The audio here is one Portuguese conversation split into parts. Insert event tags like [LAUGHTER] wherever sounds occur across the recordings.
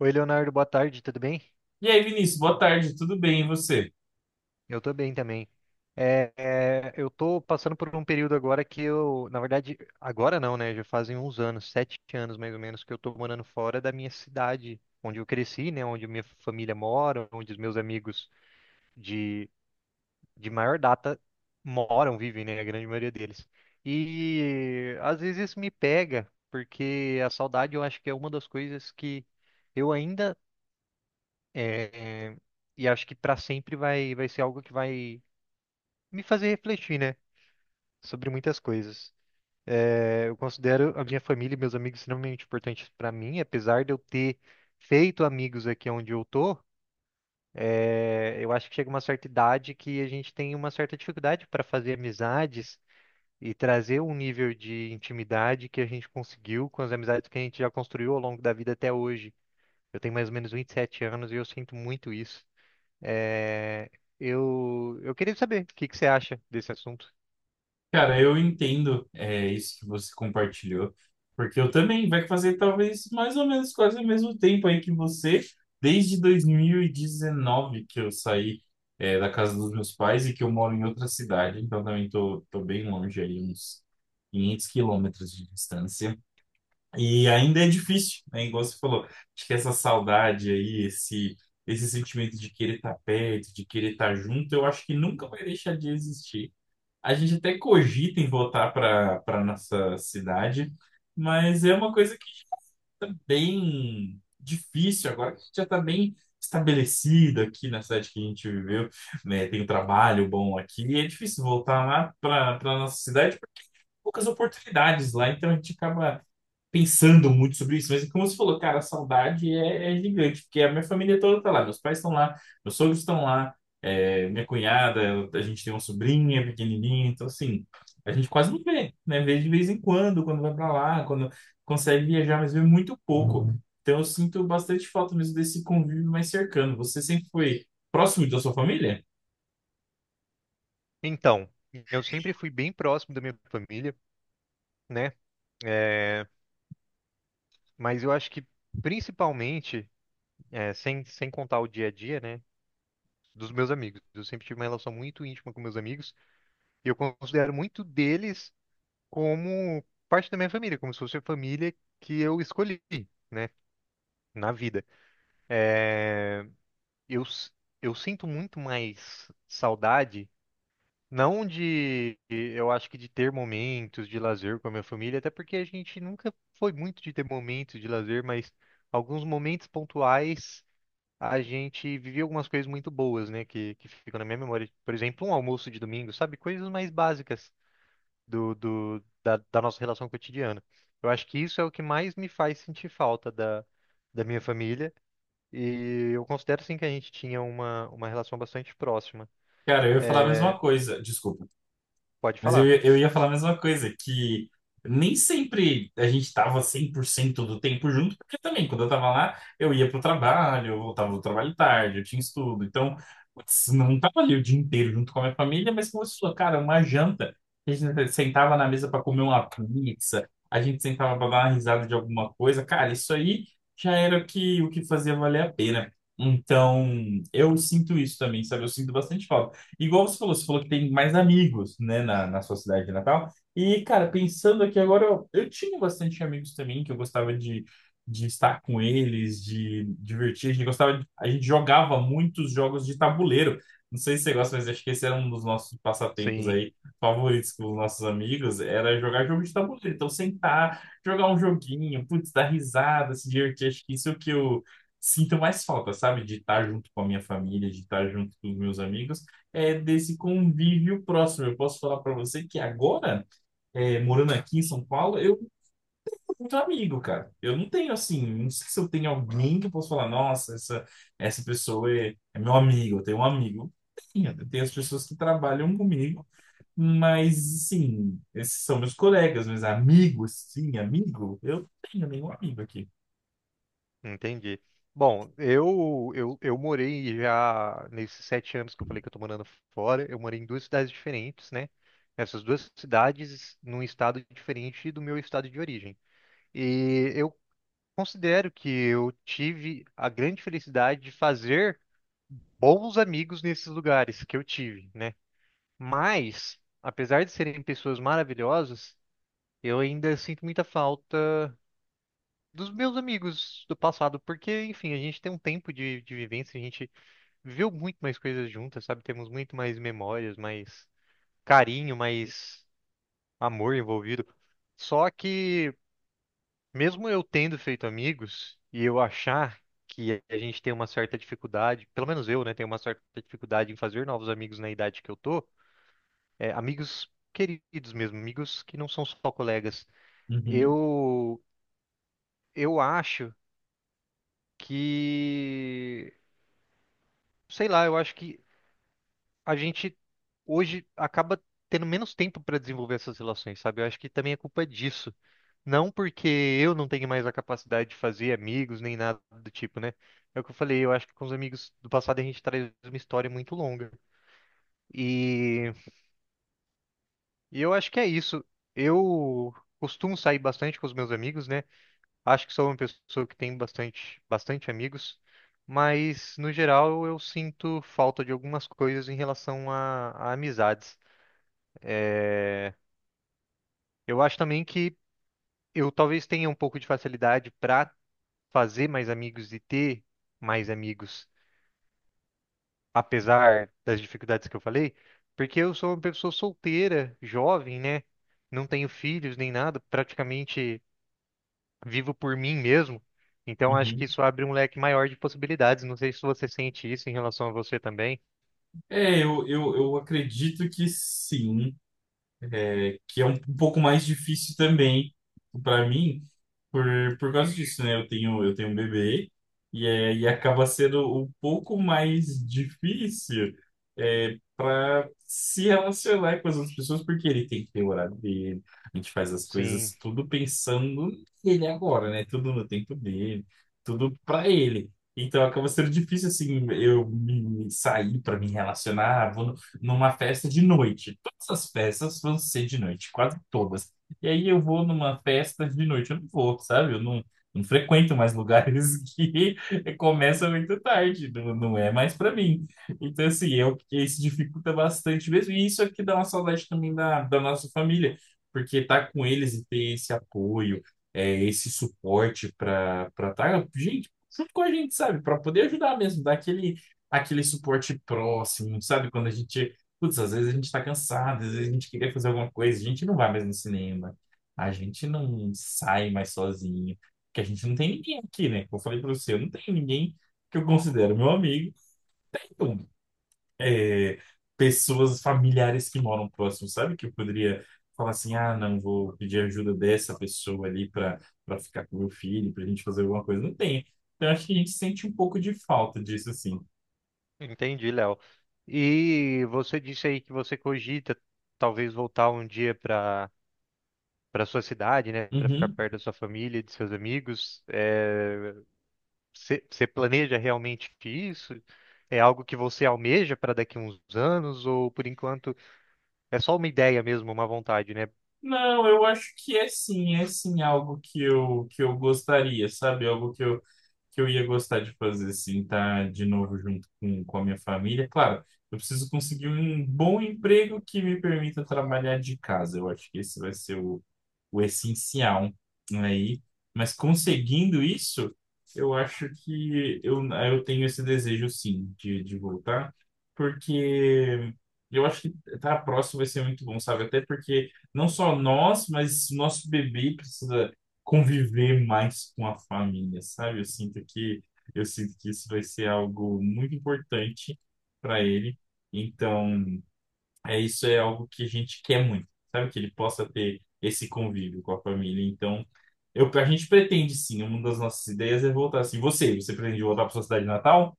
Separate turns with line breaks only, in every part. Oi, Leonardo, boa tarde, tudo bem?
E aí, Vinícius, boa tarde, tudo bem e você?
Eu tô bem também. Eu tô passando por um período agora que eu, na verdade, agora não, né? Já fazem uns anos, sete anos mais ou menos, que eu tô morando fora da minha cidade, onde eu cresci, né? Onde minha família mora, onde os meus amigos de, de maior data moram, vivem, né? A grande maioria deles. E às vezes isso me pega, porque a saudade eu acho que é uma das coisas que eu ainda. É, e acho que para sempre vai ser algo que vai me fazer refletir, né? Sobre muitas coisas. Eu considero a minha família e meus amigos extremamente importantes para mim, apesar de eu ter feito amigos aqui onde eu tô. Eu acho que chega uma certa idade que a gente tem uma certa dificuldade para fazer amizades e trazer um nível de intimidade que a gente conseguiu com as amizades que a gente já construiu ao longo da vida até hoje. Eu tenho mais ou menos 27 anos e eu sinto muito isso. É, eu queria saber o que que você acha desse assunto.
Cara, eu entendo isso que você compartilhou, porque eu também vai fazer talvez mais ou menos quase o mesmo tempo aí que você, desde 2019 que eu saí da casa dos meus pais e que eu moro em outra cidade, então também tô bem longe aí, uns 500 quilômetros de distância. E ainda é difícil, né? Igual você falou, acho que essa saudade aí, esse sentimento de querer estar perto, de querer estar junto, eu acho que nunca vai deixar de existir. A gente até cogita em voltar para nossa cidade, mas é uma coisa que tá bem difícil agora, que a gente já está bem estabelecido aqui na cidade que a gente viveu, né? Tem um trabalho bom aqui, e é difícil voltar lá para nossa cidade porque tem poucas oportunidades lá, então a gente acaba pensando muito sobre isso, mas como você falou, cara, a saudade é gigante, porque a minha família toda tá lá, meus pais estão lá, meus sogros estão lá, minha cunhada, a gente tem uma sobrinha pequenininha, então assim, a gente quase não vê, né? Vê de vez em quando, quando vai pra lá, quando consegue viajar, mas vê muito pouco. Então eu sinto bastante falta mesmo desse convívio mais cercano. Você sempre foi próximo da sua família?
Então, eu sempre fui bem próximo da minha família, né? É, mas eu acho que principalmente, sem contar o dia a dia, né? Dos meus amigos. Eu sempre tive uma relação muito íntima com meus amigos e eu considero muito deles como parte da minha família, como se fosse a família que eu escolhi, né? Na vida. Eu, s- eu sinto muito mais saudade. Não de, eu acho que de ter momentos de lazer com a minha família, até porque a gente nunca foi muito de ter momentos de lazer, mas alguns momentos pontuais a gente vivia algumas coisas muito boas, né, que ficam na minha memória. Por exemplo, um almoço de domingo, sabe? Coisas mais básicas da nossa relação cotidiana. Eu acho que isso é o que mais me faz sentir falta da minha família. E eu considero, sim, que a gente tinha uma relação bastante próxima.
Cara, eu ia falar a
É,
mesma coisa. Desculpa.
pode falar.
Eu ia falar a mesma coisa, que nem sempre a gente estava cento do tempo junto, porque também, quando eu estava lá, eu ia para o trabalho, eu voltava do trabalho tarde, eu tinha estudo. Então, putz, não estava ali o dia inteiro junto com a minha família, mas como você falou, cara, uma janta, a gente sentava na mesa para comer uma pizza, a gente sentava para dar uma risada de alguma coisa. Cara, isso aí já era o que fazia valer a pena. Então, eu sinto isso também, sabe? Eu sinto bastante falta. Igual você falou que tem mais amigos, né, na sua cidade natal. E, cara, pensando aqui agora, eu tinha bastante amigos também, que eu gostava de estar com eles, de divertir. A gente jogava muitos jogos de tabuleiro. Não sei se você gosta, mas acho que esse era um dos nossos passatempos
Sim.
aí favoritos com os nossos amigos, era jogar jogo de tabuleiro. Então, sentar, jogar um joguinho, putz, dar risada, se divertir. Acho que isso é o que eu sinto mais falta, sabe? De estar junto com a minha família, de estar junto com os meus amigos desse convívio próximo. Eu posso falar para você que agora, morando aqui em São Paulo, eu não tenho muito amigo, cara. Eu não tenho assim, não sei se eu tenho alguém que eu posso falar, nossa, essa pessoa é meu amigo, eu tenho um amigo. Tenho, eu tenho as pessoas que trabalham comigo, mas sim, esses são meus colegas, meus amigos, sim, amigo, eu não tenho nenhum amigo aqui.
Entendi. Bom, eu morei já nesses sete anos que eu falei que eu tô morando fora, eu morei em duas cidades diferentes, né? Essas duas cidades num estado diferente do meu estado de origem. E eu considero que eu tive a grande felicidade de fazer bons amigos nesses lugares que eu tive, né? Mas, apesar de serem pessoas maravilhosas, eu ainda sinto muita falta dos meus amigos do passado, porque, enfim, a gente tem um tempo de vivência, a gente viveu muito mais coisas juntas, sabe? Temos muito mais memórias, mais carinho, mais amor envolvido. Só que, mesmo eu tendo feito amigos e eu achar que a gente tem uma certa dificuldade, pelo menos eu, né, tenho uma certa dificuldade em fazer novos amigos na idade que eu tô, é, amigos queridos mesmo, amigos que não são só colegas.
Uhum,
Eu, eu acho que sei lá, eu acho que a gente hoje acaba tendo menos tempo para desenvolver essas relações, sabe? Eu acho que também é culpa disso. Não porque eu não tenho mais a capacidade de fazer amigos nem nada do tipo, né? É o que eu falei, eu acho que com os amigos do passado a gente traz uma história muito longa. E e eu acho que é isso. Eu costumo sair bastante com os meus amigos, né? Acho que sou uma pessoa que tem bastante amigos, mas no geral eu sinto falta de algumas coisas em relação a amizades. Eu acho também que eu talvez tenha um pouco de facilidade para fazer mais amigos e ter mais amigos, apesar das dificuldades que eu falei, porque eu sou uma pessoa solteira, jovem, né? Não tenho filhos nem nada, praticamente. Vivo por mim mesmo. Então acho que
uhum.
isso abre um leque maior de possibilidades. Não sei se você sente isso em relação a você também.
É, eu acredito que sim. Que é um, um pouco mais difícil também para mim, por, por causa disso, né? Eu tenho um bebê e, e acaba sendo um pouco mais difícil para se relacionar com as outras pessoas, porque ele tem que ter o horário dele, a gente faz as
Sim,
coisas tudo pensando nele agora, né? Tudo no tempo dele, tudo para ele. Então acaba sendo difícil assim eu me sair para me relacionar, vou no- numa festa de noite. Todas as festas vão ser de noite, quase todas. E aí eu vou numa festa de noite, eu não vou, sabe? Eu não, Não frequento mais lugares [LAUGHS] que começam muito tarde, não é mais pra mim. Então, assim, é o que isso dificulta bastante mesmo. E isso aqui dá uma saudade também da nossa família, porque tá com eles e ter esse apoio, esse suporte pra tá, gente, junto com a gente, sabe? Pra poder ajudar mesmo, dar aquele. Aquele suporte próximo, sabe? Quando a gente putz, às vezes a gente tá cansado, às vezes a gente queria fazer alguma coisa, a gente não vai mais no cinema, a gente não sai mais sozinho, porque a gente não tem ninguém aqui, né? Como eu falei pra você, eu não tenho ninguém que eu considero meu amigo, então, é, pessoas familiares que moram próximo, sabe? Que eu poderia falar assim, ah, não, vou pedir ajuda dessa pessoa ali pra ficar com meu filho, pra gente fazer alguma coisa, não tem. Então, eu acho que a gente sente um pouco de falta disso, assim.
entendi, Léo. E você disse aí que você cogita talvez voltar um dia para sua cidade, né, para ficar
Uhum.
perto da sua família, e de seus amigos. É, você planeja realmente isso? É algo que você almeja para daqui a uns anos ou por enquanto é só uma ideia mesmo, uma vontade, né?
Não, eu acho que é sim algo que que eu gostaria, sabe? Algo que que eu ia gostar de fazer, sim tá de novo junto com a minha família. Claro, eu preciso conseguir um bom emprego que me permita trabalhar de casa. Eu acho que esse vai ser o essencial aí. Mas conseguindo isso, eu acho que eu tenho esse desejo, sim, de voltar, porque eu acho que estar próximo vai ser muito bom, sabe? Até porque não só nós, mas nosso bebê precisa conviver mais com a família, sabe? Eu sinto que isso vai ser algo muito importante para ele. Então, é isso é algo que a gente quer muito, sabe? Que ele possa ter esse convívio com a família. Então, eu, a gente pretende sim, uma das nossas ideias é voltar assim. Você pretende voltar para sua cidade natal?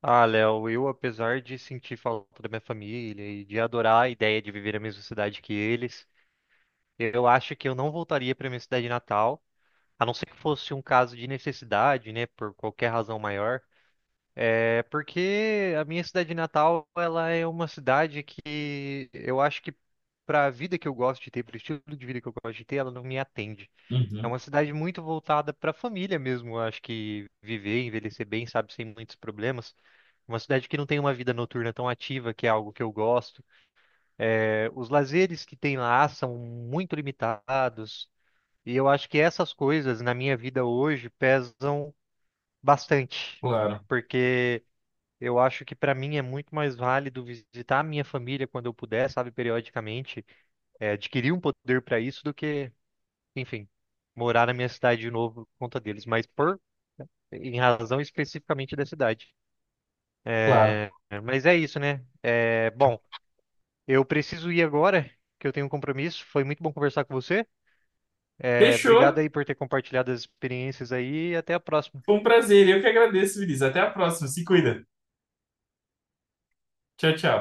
Ah, Léo, eu, apesar de sentir falta da minha família e de adorar a ideia de viver a mesma cidade que eles, eu acho que eu não voltaria para minha cidade natal, a não ser que fosse um caso de necessidade, né, por qualquer razão maior. É porque a minha cidade natal, ela é uma cidade que eu acho que para a vida que eu gosto de ter, para o estilo de vida que eu gosto de ter, ela não me atende. É
Uhum,
uma cidade muito voltada para a família mesmo. Eu acho que viver, envelhecer bem, sabe, sem muitos problemas. Uma cidade que não tem uma vida noturna tão ativa, que é algo que eu gosto. É, os lazeres que tem lá são muito limitados. E eu acho que essas coisas na minha vida hoje pesam bastante.
claro,
Porque eu acho que para mim é muito mais válido visitar a minha família quando eu puder, sabe, periodicamente, é, adquirir um poder para isso do que, enfim, morar na minha cidade de novo por conta deles. Mas por, em razão especificamente da cidade.
claro.
É, mas é isso, né? É, bom. Eu preciso ir agora, que eu tenho um compromisso. Foi muito bom conversar com você. É,
Fechou.
obrigado aí por ter compartilhado as experiências aí e até a próxima.
Foi um prazer. Eu que agradeço, Vinícius. Até a próxima. Se cuida. Tchau, tchau.